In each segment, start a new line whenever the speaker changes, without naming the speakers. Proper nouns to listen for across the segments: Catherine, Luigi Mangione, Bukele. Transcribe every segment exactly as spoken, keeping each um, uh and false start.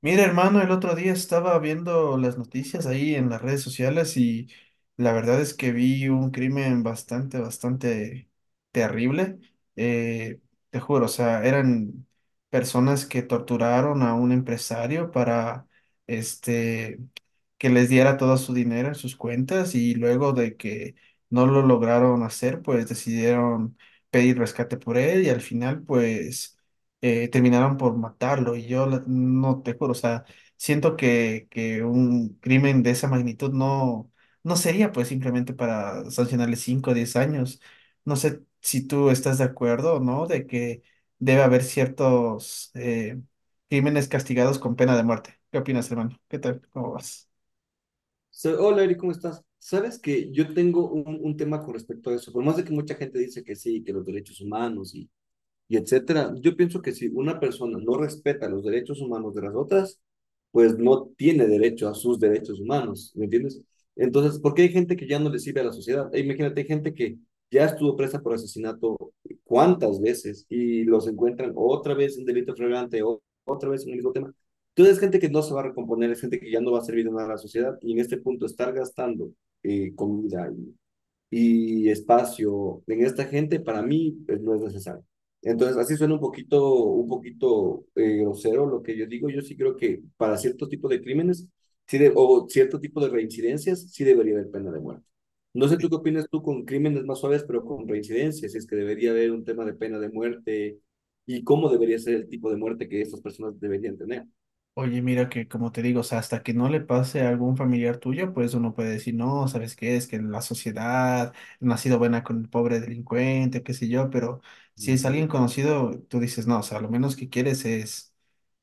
Mira, hermano, el otro día estaba viendo las noticias ahí en las redes sociales y la verdad es que vi un crimen bastante, bastante terrible. Eh, Te juro, o sea, eran personas que torturaron a un empresario para este que les diera todo su dinero en sus cuentas y luego de que no lo lograron hacer, pues decidieron pedir rescate por él y al final, pues eh, terminaron por matarlo y yo la- no te juro, o sea, siento que, que un crimen de esa magnitud no, no sería pues simplemente para sancionarle cinco o 10 años. No sé si tú estás de acuerdo o no de que debe haber ciertos eh, crímenes castigados con pena de muerte. ¿Qué opinas, hermano? ¿Qué tal? ¿Cómo vas?
So- Hola, Eri, ¿cómo estás? Sabes que yo tengo un, un tema con respecto a eso, por más de que mucha gente dice que sí, que los derechos humanos y, y etcétera. Yo pienso que si una persona no respeta los derechos humanos de las otras, pues no tiene derecho a sus derechos humanos, ¿me entiendes? Entonces, ¿por qué hay gente que ya no le sirve a la sociedad? E imagínate, hay gente que ya estuvo presa por asesinato cuántas veces y los encuentran otra vez en delito flagrante o otra vez en el mismo tema. Entonces, es gente que no se va a recomponer, es gente que ya no va a servir de nada a la sociedad y en este punto estar gastando eh, comida y y espacio en esta gente para mí pues, no es necesario. Entonces, así suena un poquito, un poquito eh, grosero lo que yo digo. Yo sí creo que para ciertos tipos de crímenes sí de- o cierto tipo de reincidencias sí debería haber pena de muerte. No sé tú qué opinas tú con crímenes más suaves, pero con reincidencias, si es que debería haber un tema de pena de muerte y cómo debería ser el tipo de muerte que estas personas deberían tener.
Oye, mira que como te digo, o sea, hasta que no le pase a algún familiar tuyo, pues uno puede decir, no, ¿sabes qué? Es que en la sociedad no ha sido buena con el pobre delincuente, qué sé yo, pero si es alguien
Ujú.
conocido, tú dices, no, o sea, lo menos que quieres es,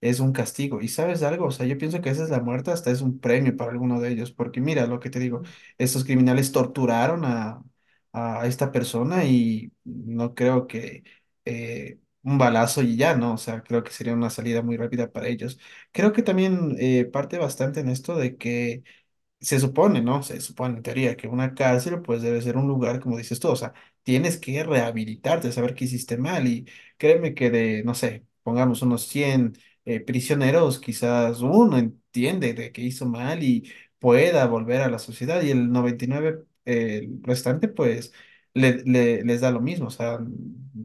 es un castigo. ¿Y sabes algo? O sea, yo pienso que esa es la muerte, hasta es un premio para alguno de ellos, porque mira lo que te digo, estos criminales torturaron a, a esta persona y no creo que eh, un balazo y ya, ¿no? O sea, creo que sería una salida muy rápida para ellos. Creo que también eh, parte bastante en esto de que se supone, ¿no? Se supone en teoría que una cárcel pues debe ser un lugar, como dices tú, o sea, tienes que rehabilitarte, saber qué hiciste mal y créeme que de, no sé, pongamos unos cien eh, prisioneros, quizás uno entiende de que hizo mal y pueda volver a la sociedad y el noventa y nueve, eh, el restante pues le- le- les da lo mismo, o sea,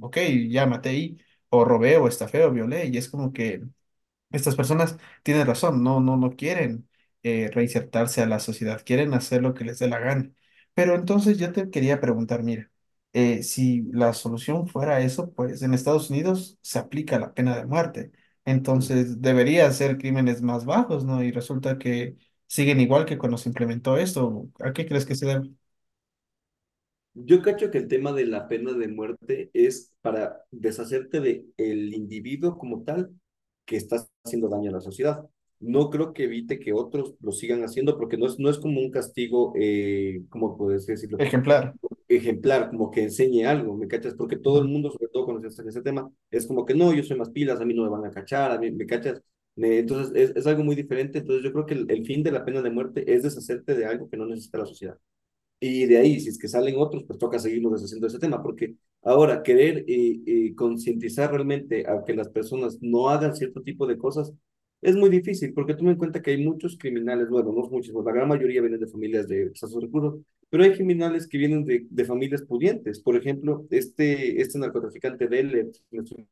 ok, ya maté y o robé o estafé o violé y es como que estas personas tienen razón, no, no, no quieren eh, reinsertarse a la sociedad, quieren hacer lo que les dé la gana. Pero entonces yo te quería preguntar, mira, eh, si la solución fuera eso, pues en Estados Unidos se aplica la pena de muerte. Entonces debería ser crímenes más bajos, ¿no? Y resulta que siguen igual que cuando se implementó esto. ¿A qué crees que se debe?
Yo cacho que el tema de la pena de muerte es para deshacerte de el individuo como tal que está haciendo daño a la sociedad. No creo que evite que otros lo sigan haciendo porque no es, no es como un castigo, eh, como puedes decirlo,
Ejemplar.
ejemplar, como que enseñe algo, ¿me cachas? Porque todo el
Ujú.
mundo, sobre todo cuando se está ese tema, es como que no, yo soy más pilas, a mí no me van a cachar, a mí, ¿me cachas? Me- entonces es, es algo muy diferente. Entonces yo creo que el, el fin de la pena de muerte es deshacerte de algo que no necesita la sociedad. Y de ahí, si es que salen otros, pues toca seguirnos deshaciendo ese tema, porque ahora querer eh, eh, concientizar realmente a que las personas no hagan cierto tipo de cosas es muy difícil, porque toma en cuenta que hay muchos criminales, bueno, no muchos, pues la gran mayoría vienen de familias de escasos recursos, pero hay criminales que vienen de, de familias pudientes. Por ejemplo, este, este narcotraficante de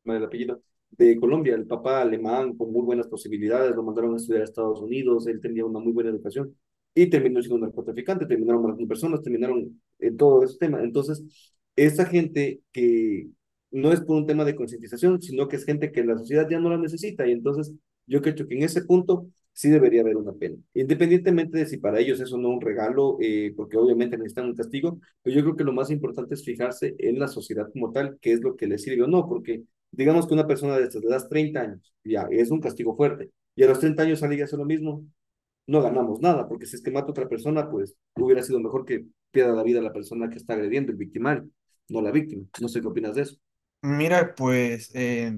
el apellido, de Colombia, el papá alemán con muy buenas posibilidades, lo mandaron a estudiar a Estados Unidos, él tenía una muy buena educación y terminó siendo un narcotraficante, terminaron matando personas, terminaron en eh, todo ese tema. Entonces, esa gente que no es por un tema de concientización, sino que es gente que la sociedad ya no la necesita. Y entonces, yo creo que en ese punto sí debería haber una pena. Independientemente de si para ellos eso no es un regalo, eh, porque obviamente necesitan un castigo, pero yo creo que lo más importante es fijarse en la sociedad como tal, qué es lo que les sirve o no, porque digamos que una persona de estas le das treinta años, ya, es un castigo fuerte, y a los treinta años sale y hace lo mismo, no ganamos nada, porque si es que mata a otra persona, pues hubiera sido mejor que pierda la vida la persona que está agrediendo, el victimario, no la víctima. No sé qué opinas de eso.
Mira, pues... eh,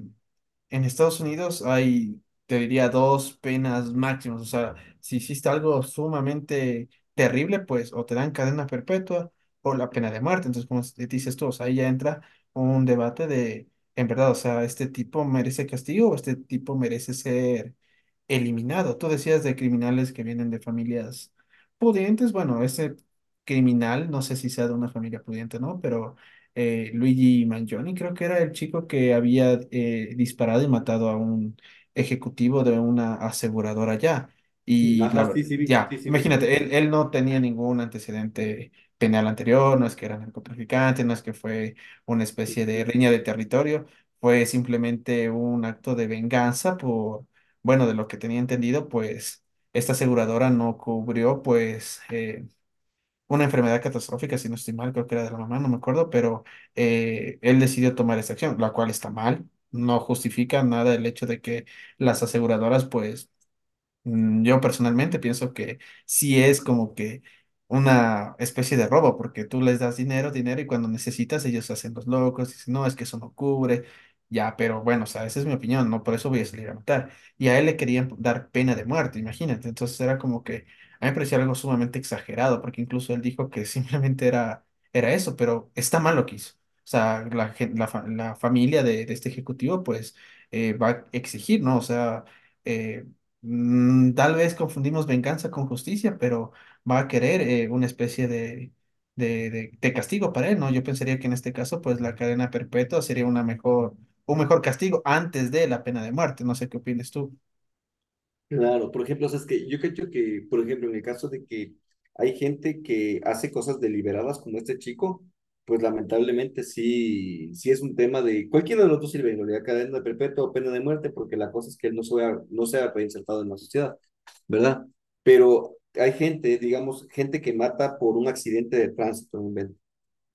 En Estados Unidos hay, te diría, dos penas máximas. O sea, si hiciste algo sumamente terrible, pues o te dan cadena perpetua o la pena de muerte. Entonces, como s- dices tú, o sea, ahí ya entra un debate de, en verdad, o sea, este tipo merece castigo o este tipo merece ser eliminado. Tú decías de criminales que vienen de familias pudientes. Bueno, ese criminal, no sé si sea de una familia pudiente o no, pero eh, Luigi Mangione creo que era el chico que había eh, disparado y matado a un ejecutivo de una aseguradora ya. Y la
Ajá, sí,
verdad,
sí, vi, sí,
ya,
sí, vi. Ajá.
imagínate, él, él no tenía ningún antecedente penal anterior, no es que era narcotraficante, no es que fue una especie de riña de territorio, fue simplemente un acto de venganza por bueno, de lo que tenía entendido, pues esta aseguradora no cubrió pues eh, una enfermedad catastrófica, si no estoy mal, creo que era de la mamá, no me acuerdo, pero eh, él decidió tomar esta acción, la cual está mal. No justifica nada el hecho de que las aseguradoras pues Mm, yo personalmente pienso que sí es como que una especie de robo, porque tú les das dinero, dinero, y cuando necesitas ellos se hacen los locos, dicen, no, es que eso no cubre, ya, pero bueno, o sea, esa es mi opinión, no por eso voy a salir a matar. Y a él le querían dar pena de muerte, imagínate, entonces era como que, a mí me parecía algo sumamente exagerado, porque incluso él dijo que simplemente era, era eso, pero está mal lo que hizo. O sea, la, gen- la, fa- la familia de, de este ejecutivo, pues, eh, va a exigir, ¿no? O sea... eh, Mm, tal vez confundimos venganza con justicia, pero va a querer eh, una especie de, de, de- de castigo para él, ¿no? Yo pensaría que en este caso, pues la cadena perpetua sería una mejor, un mejor castigo antes de la pena de muerte. No sé qué opinas tú.
Claro, por ejemplo, o sea, es que yo creo que, por ejemplo, en el caso de que hay gente que hace cosas deliberadas como este chico, pues lamentablemente sí, sí es un tema de cualquiera de los dos sirve, en realidad cadena perpetua o pena de muerte, porque la cosa es que él no sea, no sea reinsertado en la sociedad. ¿Verdad? Pero hay gente, digamos, gente que mata por un accidente de tránsito. ¿Verdad?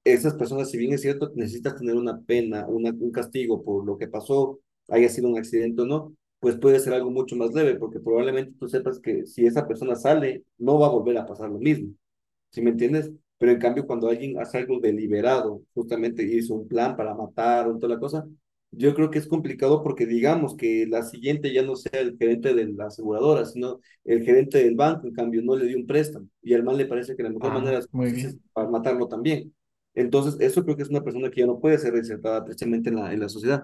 Esas personas, si bien es cierto, necesitas tener una pena, una, un castigo por lo que pasó, haya sido un accidente o no, pues puede ser algo mucho más leve, porque probablemente tú sepas que si esa persona sale, no va a volver a pasar lo mismo. ¿Sí me entiendes? Pero en cambio, cuando alguien hace algo deliberado, justamente hizo un plan para matar o toda la cosa, yo creo que es complicado porque digamos que la siguiente ya no sea el gerente de la aseguradora, sino el gerente del banco, en cambio, no le dio un préstamo y al mal le parece que la mejor manera
Ah,
es,
muy
es
bien.
para matarlo también. Entonces, eso creo que es una persona que ya no puede ser reinsertada precisamente en la, en la sociedad.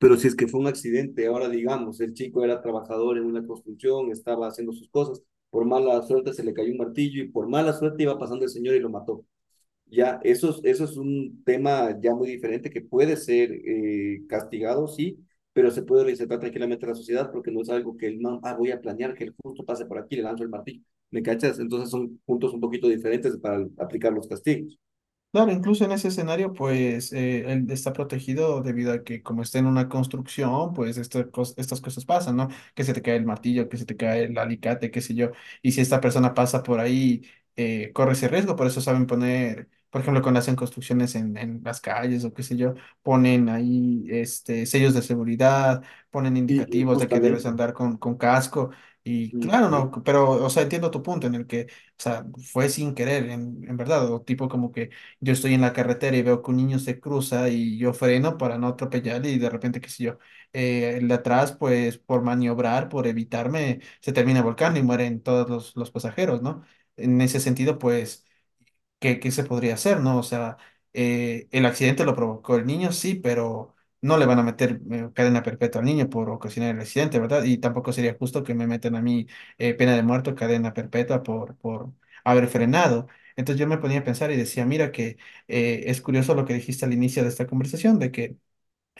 Pero si es que fue un accidente, ahora digamos, el chico era trabajador en una construcción, estaba haciendo sus cosas, por mala suerte se le cayó un martillo y por mala suerte iba pasando el señor y lo mató. Ya, eso, es- eso es un tema ya muy diferente que puede ser eh, castigado, sí, pero se puede reinsertar tranquilamente a la sociedad porque no es algo que el man, ah, voy a planear que el justo pase por aquí, le lanzo el martillo. ¿Me cachas? Entonces son puntos un poquito diferentes para aplicar los castigos.
Claro, incluso en ese escenario, pues eh, él está protegido debido a que como está en una construcción, pues estas cos- estas cosas pasan, ¿no? Que se te cae el martillo, que se te cae el alicate, qué sé yo. Y si esta persona pasa por ahí, eh, corre ese riesgo. Por eso saben poner, por ejemplo, cuando hacen construcciones en, en las calles o qué sé yo, ponen ahí este, sellos de seguridad, ponen
Y eh,
indicativos de que debes
justamente,
andar con, con casco. Y claro, no, pero, o sea, entiendo tu punto en el que, o sea, fue sin querer, en, en verdad, o tipo como que yo estoy en la carretera y veo que un niño se cruza y yo freno para no atropellar y de repente, qué sé yo, eh, el de atrás, pues por maniobrar, por evitarme, se termina volcando y mueren todos los, los pasajeros, ¿no? En ese sentido, pues ¿qué, ¿qué se podría hacer, ¿no? O sea, eh, el accidente lo provocó el niño, sí, pero no le van a meter eh, cadena perpetua al niño por ocasionar el accidente, ¿verdad? Y tampoco sería justo que me metan a mí eh, pena de muerte o cadena perpetua por, por haber frenado. Entonces yo me ponía a pensar y decía, mira que eh, es curioso lo que dijiste al inicio de esta conversación, de que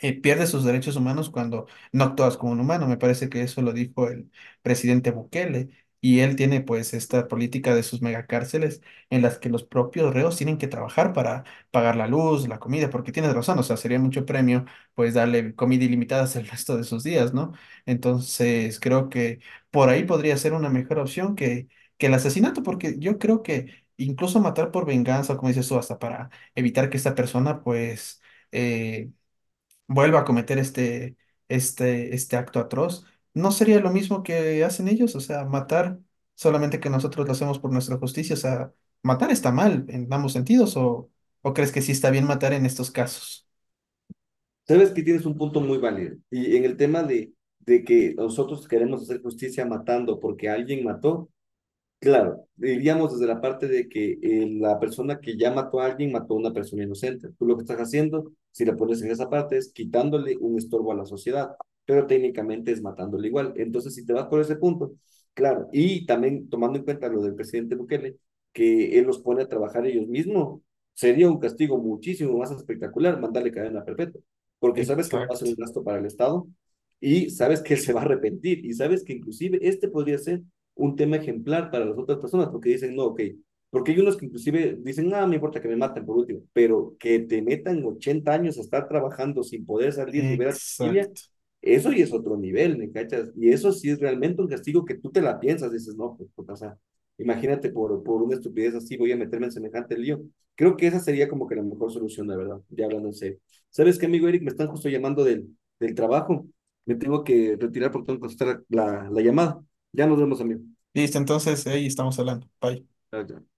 eh, pierde sus derechos humanos cuando no actúas como un humano. Me parece que eso lo dijo el presidente Bukele. Y él tiene pues esta política de sus megacárceles en las que los propios reos tienen que trabajar para pagar la luz, la comida, porque tienes razón, o sea, sería mucho premio pues darle comida ilimitada el resto de sus días, ¿no? Entonces creo que por ahí podría ser una mejor opción que, que el asesinato, porque yo creo que incluso matar por venganza, como dices tú, hasta para evitar que esta persona pues... eh, vuelva a cometer este, este, este acto atroz, ¿no sería lo mismo que hacen ellos? O sea, matar, solamente que nosotros lo hacemos por nuestra justicia. O sea, matar está mal en ambos sentidos, o, o crees que sí está bien matar en estos casos?
sabes que tienes un punto muy válido. Y en el tema de, de que nosotros queremos hacer justicia matando porque alguien mató, claro, diríamos desde la parte de que eh, la persona que ya mató a alguien mató a una persona inocente. Tú lo que estás haciendo, si la pones en esa parte, es quitándole un estorbo a la sociedad, pero técnicamente es matándole igual. Entonces, si te vas por ese punto, claro, y también tomando en cuenta lo del presidente Bukele, que él los pone a trabajar ellos mismos, sería un castigo muchísimo más espectacular mandarle cadena perpetua, porque sabes que no va a ser un
Exacto,
gasto para el Estado y sabes que él se va a arrepentir y sabes que inclusive este podría ser un tema ejemplar para las otras personas, porque dicen, no, ok, porque hay unos que inclusive dicen, nada, me importa que me maten por último, pero que te metan ochenta años a estar trabajando sin poder salir ni ver a tu familia,
exacto.
eso y es otro nivel, ¿me cachas? Y eso sí es realmente un castigo que tú te la piensas, dices, no, pues, pues o sea, imagínate por, por una estupidez así voy a meterme en semejante lío. Creo que esa sería como que la mejor solución, la verdad, ya hablando en serio. ¿Sabes qué, amigo Eric? Me están justo llamando del, del trabajo. Me tengo que retirar porque tengo que contestar la, la llamada. Ya nos vemos, amigo.
Listo, entonces ahí estamos hablando. Bye.
Ok.